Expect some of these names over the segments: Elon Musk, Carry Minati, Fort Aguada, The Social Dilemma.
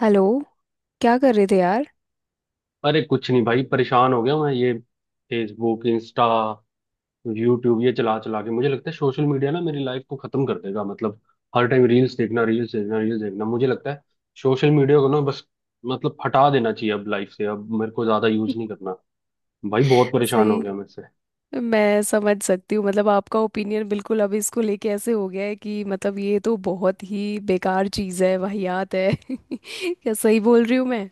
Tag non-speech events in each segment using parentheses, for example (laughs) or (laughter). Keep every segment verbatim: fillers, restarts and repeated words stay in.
Hello. क्या कर रहे थे यार। अरे कुछ नहीं भाई, परेशान हो गया मैं। ये फेसबुक, इंस्टा, यूट्यूब ये चला चला के मुझे लगता है सोशल मीडिया ना मेरी लाइफ को खत्म कर देगा। मतलब हर टाइम रील्स देखना, रील्स देखना, रील्स देखना, मुझे लगता है सोशल मीडिया को ना, बस मतलब हटा देना चाहिए अब लाइफ से। अब मेरे को ज्यादा यूज नहीं करना। भाई बहुत परेशान हो सही। गया मैं इससे। मैं समझ सकती हूँ। मतलब आपका ओपिनियन बिल्कुल अब इसको लेके ऐसे हो गया है कि मतलब ये तो बहुत ही बेकार चीज़ है, वाहियात है (laughs) क्या सही बोल रही हूँ मैं?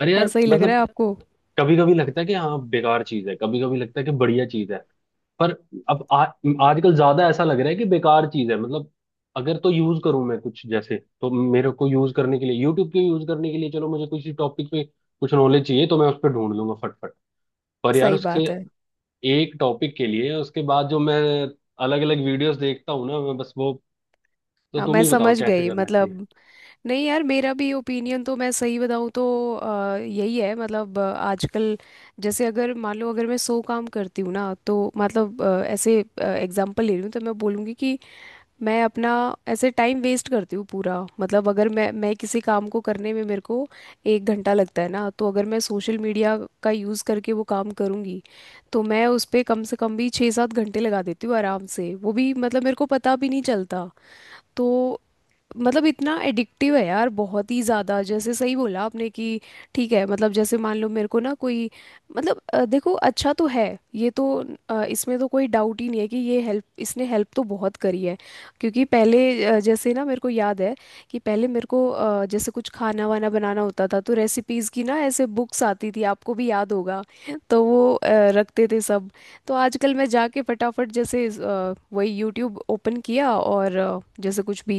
अरे यार ऐसा ही लग रहा मतलब है आपको? कभी कभी लगता है कि हाँ बेकार चीज है, कभी कभी लगता है कि बढ़िया चीज है। पर अब आ, आजकल ज्यादा ऐसा लग रहा है कि बेकार चीज है। मतलब अगर तो यूज करूं मैं कुछ, जैसे तो मेरे को यूज करने के लिए, यूट्यूब के यूज करने के लिए, चलो मुझे किसी टॉपिक पे कुछ नॉलेज चाहिए तो मैं उस पर ढूंढ लूंगा फटफट। पर यार सही उसके बात है। एक टॉपिक के लिए उसके बाद जो मैं अलग अलग वीडियोस देखता हूँ ना, मैं बस वो। तो हाँ तुम मैं ही बताओ समझ कैसे गई। करना चाहिए। मतलब नहीं यार, मेरा भी ओपिनियन तो मैं सही बताऊँ तो अ, यही है। मतलब अ, आजकल जैसे अगर मान लो, अगर मैं सौ काम करती हूँ ना तो मतलब अ, ऐसे एग्जांपल ले रही हूँ तो मैं बोलूँगी कि मैं अपना ऐसे टाइम वेस्ट करती हूँ पूरा। मतलब अगर मैं मैं किसी काम को करने में मेरे को एक घंटा लगता है ना, तो अगर मैं सोशल मीडिया का यूज़ करके वो काम करूँगी तो मैं उस पे कम से कम भी छः सात घंटे लगा देती हूँ आराम से, वो भी मतलब मेरे को पता भी नहीं चलता। तो मतलब इतना एडिक्टिव है यार, बहुत ही ज़्यादा। जैसे सही बोला आपने कि ठीक है। मतलब जैसे मान लो मेरे को ना कोई मतलब अ, देखो, अच्छा तो है ये तो। अ, इसमें तो कोई डाउट ही नहीं है कि ये हेल्प, इसने हेल्प तो बहुत करी है। क्योंकि पहले अ, जैसे ना मेरे को याद है कि पहले मेरे को अ, जैसे कुछ खाना वाना बनाना होता था तो रेसिपीज़ की ना ऐसे बुक्स आती थी, आपको भी याद होगा। तो वो अ, रखते थे सब। तो आजकल मैं जाके फटाफट जैसे अ, वही यूट्यूब ओपन किया और अ, जैसे कुछ भी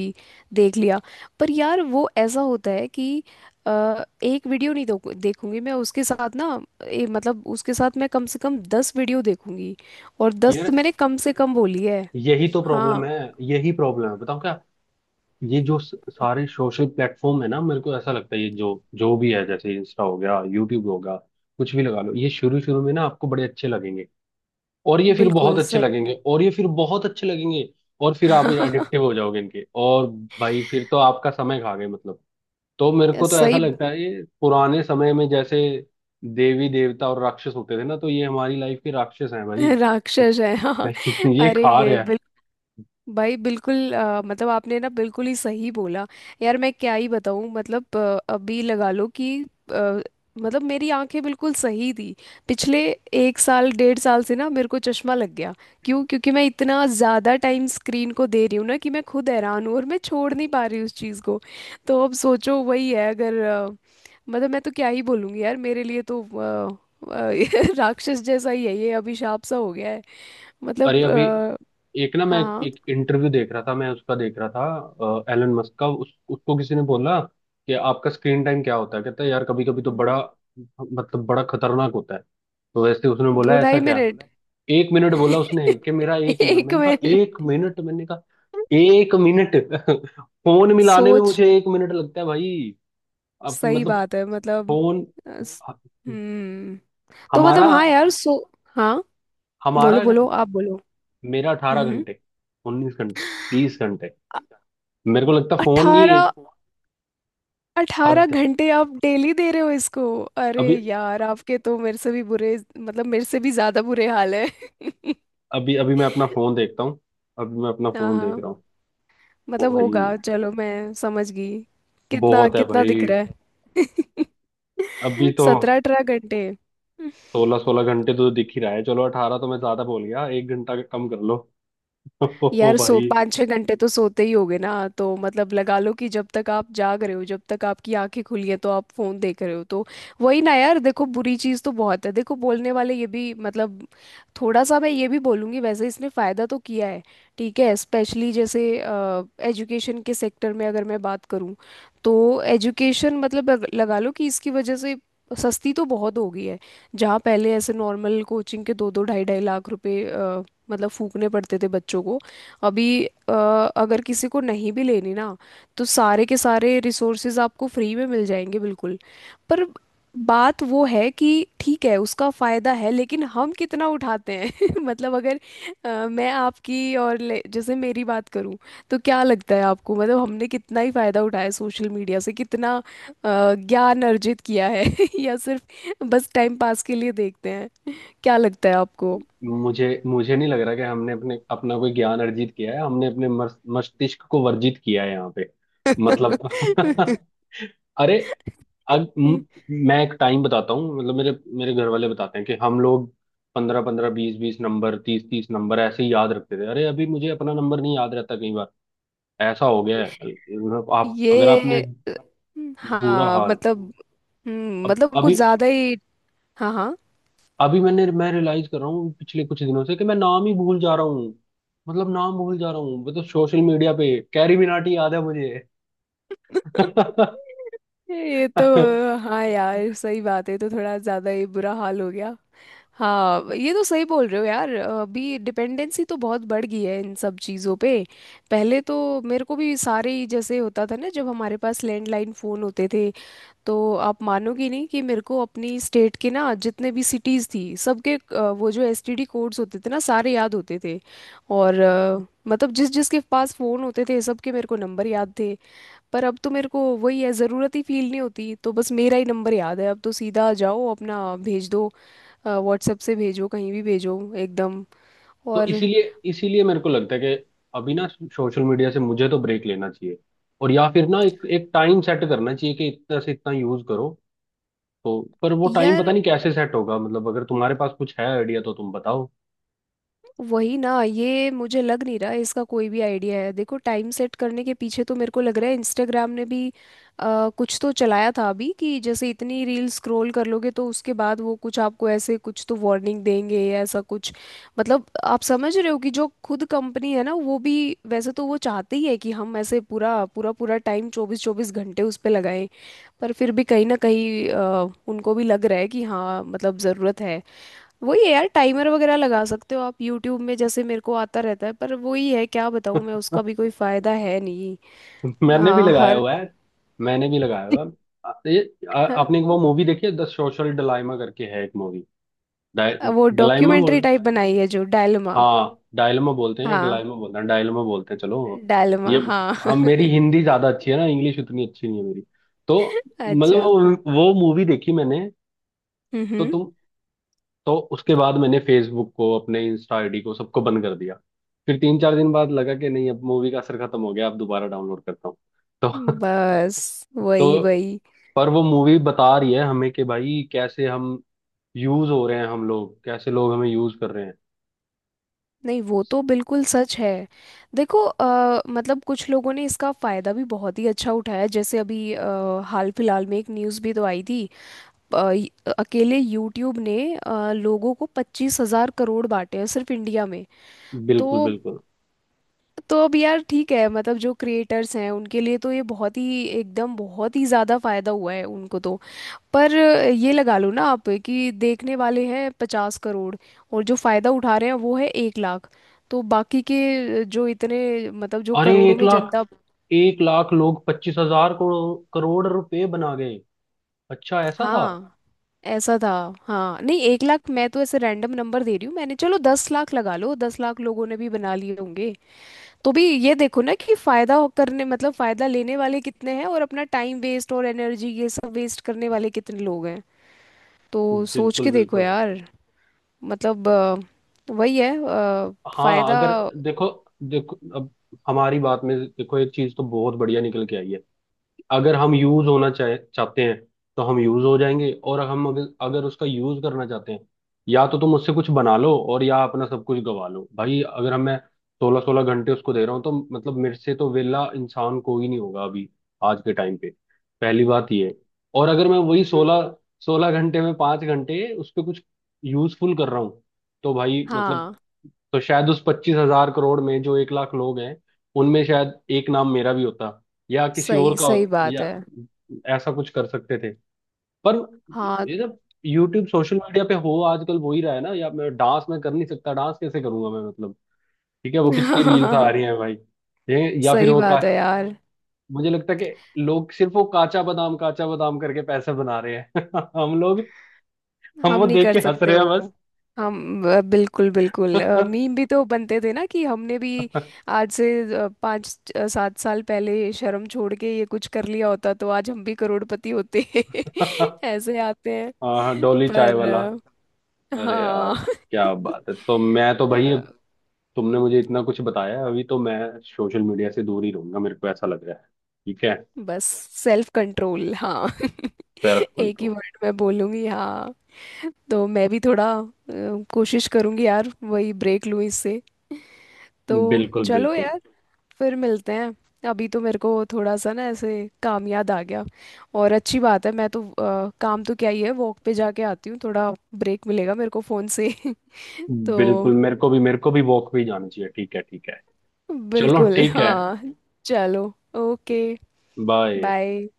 देख लिया। पर यार वो ऐसा होता है कि अ, एक वीडियो नहीं देखू- देखूंगी मैं, उसके साथ ना ए, मतलब उसके साथ मैं कम से कम दस वीडियो देखूंगी। और दस तो यार मैंने कम से कम बोली है। यही तो प्रॉब्लम हाँ। है, यही प्रॉब्लम है। बताओ क्या। ये जो स- सारे सोशल प्लेटफॉर्म है ना, मेरे को ऐसा लगता है ये जो जो भी है, जैसे इंस्टा हो गया, यूट्यूब होगा, कुछ भी लगा लो, ये शुरू शुरू में ना आपको बड़े अच्छे लगेंगे, और ये फिर बिल्कुल बहुत अच्छे सही लगेंगे, और ये फिर बहुत अच्छे लगेंगे, और फिर आप (laughs) एडिक्टिव हो जाओगे इनके। और भाई फिर तो आपका समय खा गए मतलब। तो मेरे को तो ऐसा सही। लगता है ये पुराने समय में जैसे देवी देवता और राक्षस होते थे ना, तो ये हमारी लाइफ के राक्षस हैं भाई। (laughs) राक्षस है (laughs) हाँ। भाई ये अरे। खा रहे हैं। भाई बिल्कुल अ, मतलब आपने ना बिल्कुल ही सही बोला। यार मैं क्या ही बताऊं। मतलब अ, अभी लगा लो कि अ, मतलब मेरी आंखें बिल्कुल सही थी पिछले एक साल डेढ़ साल से ना मेरे को चश्मा लग गया। क्यों? क्योंकि मैं इतना ज़्यादा टाइम स्क्रीन को दे रही हूँ ना कि मैं खुद हैरान हूँ और मैं छोड़ नहीं पा रही उस चीज़ को। तो अब सोचो वही है। अगर अ, मतलब मैं तो क्या ही बोलूँगी यार, मेरे लिए तो अ, अ, (laughs) राक्षस जैसा ही है। ये अभिशाप सा हो गया है। अरे मतलब अभी अ, एक ना, मैं हाँ हाँ। एक इंटरव्यू देख रहा था, मैं उसका देख रहा था एलन मस्क का। उस, उसको किसी ने बोला कि आपका स्क्रीन टाइम क्या होता है। कहता है यार कभी कभी तो बड़ा मतलब बड़ा खतरनाक होता है। तो वैसे उसने दो बोला ढाई ऐसा क्या। मिनट एक मिनट बोला उसने कि मेरा (laughs) एक मिनट। एक मैंने कहा मिनट एक मिनट? मैंने कहा एक मिनट? (laughs) फोन मिलाने में सोच। मुझे एक मिनट लगता है भाई। अब सही मतलब बात है। मतलब फोन अ, स- हम्म तो मतलब हमारा हाँ यार सो। हाँ बोलो हमारा बोलो, आप बोलो। मेरा अठारह हम्म। घंटे उन्नीस घंटे, बीस घंटे, अ- मेरे को लगता है फोन ही। अठारह। अठारह हद! घंटे आप डेली दे रहे हो इसको? अरे अभी यार आपके तो मेरे से भी बुरे, मतलब मेरे से भी ज्यादा बुरे हाल है (laughs) अभी अभी मैं अपना फोन देखता हूँ, अभी मैं अपना हाँ फोन देख हाँ, रहा हूँ। ओ मतलब भाई होगा, चलो मैं समझ गई। कितना बहुत है कितना भाई। दिख रहा है? अभी (laughs) तो सत्रह अठारह घंटे। सोलह सोलह घंटे तो दिख ही रहा है। चलो अठारह तो मैं ज्यादा बोल गया, एक घंटा कम कर लो। (laughs) ओ यार सो भाई पाँच छः घंटे तो सोते ही होगे ना। तो मतलब लगा लो कि जब तक आप जाग रहे हो, जब तक आपकी आंखें खुली हैं तो आप फोन देख रहे हो, तो वही ना यार। देखो बुरी चीज़ तो बहुत है, देखो बोलने वाले, ये भी मतलब थोड़ा सा मैं ये भी बोलूँगी वैसे इसने फ़ायदा तो किया है। ठीक है, स्पेशली जैसे एजुकेशन के सेक्टर में अगर मैं बात करूँ तो एजुकेशन मतलब अग- लगा लो कि इसकी वजह से सस्ती तो बहुत हो गई है। जहाँ पहले ऐसे नॉर्मल कोचिंग के दो दो ढाई ढाई लाख रुपए अ, मतलब फूकने पड़ते थे बच्चों को, अभी अ, अगर किसी को नहीं भी लेनी ना तो सारे के सारे रिसोर्सेज आपको फ्री में मिल जाएंगे बिल्कुल। पर बात वो है कि ठीक है, उसका फायदा है लेकिन हम कितना उठाते हैं (laughs) मतलब अगर अ, मैं आपकी और ले- जैसे मेरी बात करूं तो क्या लगता है आपको? मतलब हमने कितना ही फायदा उठाया सोशल मीडिया से, कितना अ, ज्ञान अर्जित किया है (laughs) या सिर्फ बस टाइम पास के लिए देखते हैं? क्या लगता है आपको? मुझे मुझे नहीं लग रहा कि हमने अपने अपना कोई ज्ञान अर्जित किया है, हमने अपने मस- मस्तिष्क को वर्जित किया है यहाँ पे, मतलब। (laughs) (laughs) अरे अब म- मैं एक टाइम बताता हूँ। मतलब मेरे मेरे घर वाले बताते हैं कि हम लोग पंद्रह पंद्रह, बीस बीस नंबर, तीस तीस नंबर ऐसे ही याद रखते थे। अरे अभी मुझे अपना नंबर नहीं याद रहता कई बार। ऐसा हो गया है मतलब आप अगर ये आपने, अ, बुरा हाँ, हाल। मतलब हम्म, अब मतलब कुछ अभी, ज्यादा ही। हाँ हाँ अभी मैंने मैं रियलाइज कर रहा हूँ पिछले कुछ दिनों से कि मैं नाम ही भूल जा रहा हूँ। मतलब नाम भूल जा रहा हूँ। मतलब सोशल मीडिया पे कैरी मिनाटी याद है (laughs) मुझे। ये तो (laughs) हाँ यार सही बात है, ये तो थोड़ा ज्यादा ही बुरा हाल हो गया। हाँ ये तो सही बोल रहे हो यार, अभी डिपेंडेंसी तो बहुत बढ़ गई है इन सब चीज़ों पे। पहले तो मेरे को भी सारे ही जैसे होता था ना, जब हमारे पास लैंडलाइन फ़ोन होते थे तो आप मानोगी नहीं कि मेरे को अपनी स्टेट के ना जितने भी सिटीज़ थी सबके अ, वो जो एस टी डी कोड्स होते थे ना सारे याद होते थे। और अ, मतलब जिस जिसके पास फ़ोन होते थे सबके मेरे को नंबर याद थे। पर अब तो मेरे को वही है, ज़रूरत ही फील नहीं होती, तो बस मेरा ही नंबर याद है। अब तो सीधा जाओ अपना भेज दो, व्हाट्सएप से भेजो, कहीं भी भेजो, एकदम। तो और इसीलिए, इसीलिए मेरे को लगता है कि अभी ना सोशल मीडिया से मुझे तो ब्रेक लेना चाहिए, और या फिर ना एक एक टाइम सेट करना चाहिए कि इतना से इतना यूज करो। तो पर वो टाइम यार पता नहीं कैसे सेट होगा। मतलब अगर तुम्हारे पास कुछ है आइडिया तो तुम बताओ। वही ना, ये मुझे लग नहीं रहा इसका कोई भी आइडिया है। देखो, टाइम सेट करने के पीछे तो मेरे को लग रहा है इंस्टाग्राम ने भी अ, कुछ तो चलाया था अभी कि जैसे इतनी रील स्क्रॉल कर लोगे तो उसके बाद वो कुछ आपको ऐसे कुछ तो वार्निंग देंगे या ऐसा कुछ। मतलब आप समझ रहे हो कि जो खुद कंपनी है ना वो भी, वैसे तो वो चाहती है कि हम ऐसे पूरा पूरा पूरा टाइम चौबीस चौबीस घंटे उस पर लगाएं, पर फिर भी कहीं ना कहीं अ, उनको भी लग रहा है कि हाँ मतलब ज़रूरत है। वही यार टाइमर वगैरह लगा सकते हो आप यूट्यूब में, जैसे मेरे को आता रहता है, पर वही है क्या बताऊँ मैं, उसका (laughs) भी कोई फायदा है नहीं। मैंने भी हाँ लगाया हर हुआ है, मैंने भी लगाया हुआ है। (laughs) आ- ये आ- हर- आपने एक वो मूवी देखी है, द सोशल डिलाइमा करके है, एक मूवी, वो डलाइमा। डॉक्यूमेंट्री टाइप बनाई है जो डायलमा। हाँ डायलमा बोलते हैं, हाँ डायलमा बोलते हैं, डायलमा बोलते हैं, चलो। ये डायलमा हाँ हम, मेरी (laughs) हिंदी ज्यादा अच्छी है ना, इंग्लिश उतनी अच्छी नहीं है मेरी। तो मतलब अच्छा। वो, वो मूवी देखी मैंने। तो हम्म। तुम, तो उसके बाद मैंने फेसबुक को, अपने इंस्टा आईडी को, सबको बंद कर दिया। फिर तीन चार दिन बाद लगा कि नहीं, अब मूवी का असर खत्म हो गया, अब दोबारा डाउनलोड करता हूँ तो। बस (laughs) वही तो वही। पर वो मूवी बता रही है हमें कि भाई कैसे हम यूज हो रहे हैं, हम लोग कैसे, लोग हमें यूज कर रहे हैं। नहीं वो तो बिल्कुल सच है। देखो अ, मतलब कुछ लोगों ने इसका फायदा भी बहुत ही अच्छा उठाया। जैसे अभी अ, हाल फिलहाल में एक न्यूज़ भी तो आई थी। अ, य- अकेले यूट्यूब ने अ, लोगों को पच्चीस हज़ार करोड़ बांटे हैं सिर्फ इंडिया में। तो बिल्कुल, बिल्कुल। तो अब यार ठीक है मतलब जो क्रिएटर्स हैं उनके लिए तो ये बहुत ही एकदम बहुत ही ज़्यादा फायदा हुआ है उनको तो। पर अ, ये लगा लो ना आप कि देखने वाले हैं पचास करोड़, और जो फ़ायदा उठा रहे हैं वो है एक लाख। तो बाकी के अ, जो इतने मतलब जो अरे करोड़ों एक में जनता। लाख एक लाख लोग पच्चीस हजार करोड़, करोड़ रुपए बना गए? अच्छा ऐसा था। हाँ ऐसा था। हाँ नहीं एक लाख मैं तो ऐसे रैंडम नंबर दे रही हूँ मैंने, चलो दस लाख लगा लो, दस लाख लोगों ने भी बना लिए होंगे तो भी ये देखो ना कि फायदा हो- करने, मतलब फायदा लेने वाले कितने हैं और अपना टाइम वेस्ट और एनर्जी ये सब वेस्ट करने वाले कितने लोग हैं। तो सोच बिल्कुल के देखो बिल्कुल। यार। मतलब अ, वही है अ, हाँ फायदा। अगर देखो, देखो अब हमारी बात में देखो, एक चीज तो बहुत बढ़िया निकल के आई है। अगर हम यूज होना चाहे चाहते हैं तो हम यूज हो जाएंगे, और हम अगर अगर उसका यूज करना चाहते हैं, या तो तुम उससे कुछ बना लो, और या अपना सब कुछ गवा लो भाई। अगर हम मैं सोलह सोलह घंटे उसको दे रहा हूँ तो मतलब मेरे से तो वेला इंसान कोई नहीं होगा अभी, आज के टाइम पे। पहली बात ये है। और अगर मैं वही सोलह सोलह घंटे में पांच घंटे उस पर कुछ यूजफुल कर रहा हूँ, तो भाई मतलब हाँ तो शायद उस पच्चीस हजार करोड़ में जो एक लाख लोग हैं, उनमें शायद एक नाम मेरा भी होता, या किसी और सही का सही हो- बात या है। ऐसा कुछ कर सकते थे। पर हाँ ये ना, यूट्यूब सोशल मीडिया पे हो आजकल वो ही रहा है ना, या मैं डांस में कर नहीं सकता, डांस कैसे करूंगा मैं मतलब। ठीक है वो कितनी रील्स आ (laughs) रही हैं भाई, ये या फिर सही वो का। बात है यार। मुझे लगता है कि लोग सिर्फ वो काचा बादाम काचा बादाम करके पैसे बना रहे हैं। (laughs) हम लोग, हम हम वो नहीं देख कर के हंस सकते रहे हैं वो। बस। हम अ, बिल्कुल बिल्कुल। (laughs) मीम भी तो बनते थे ना कि हमने भी आज से अ, पाँच अ, सात साल पहले शर्म छोड़ के ये कुछ कर लिया होता तो आज हम भी करोड़पति होते (laughs) ऐसे आते हैं। हाँ हाँ, डोली चाय पर वाला। अ, अरे यार हाँ क्या (laughs) बात है। तो मैं तो भाई, अ, तुमने मुझे इतना कुछ बताया है, अभी तो मैं सोशल मीडिया से दूर ही रहूंगा, मेरे को ऐसा लग रहा है। ठीक है। बस, सेल्फ कंट्रोल हाँ सेल्फ (laughs) एक ही कंट्रोल। वर्ड में बोलूंगी हाँ। तो मैं भी थोड़ा अ, कोशिश करूंगी यार, वही ब्रेक लूँ इससे। तो बिल्कुल चलो बिल्कुल। यार, फिर मिलते हैं। अभी तो मेरे को थोड़ा सा ना ऐसे काम याद आ गया। और अच्छी बात है, मैं तो अ, काम तो क्या ही है, वॉक पे जाके आती हूँ थोड़ा, ब्रेक मिलेगा मेरे को फ़ोन से (laughs) बिल्कुल तो मेरे को भी, मेरे को भी वॉक पे ही जाना चाहिए। ठीक है ठीक है। चलो बिल्कुल ठीक है। हाँ, चलो, ओके, बाय। बाय।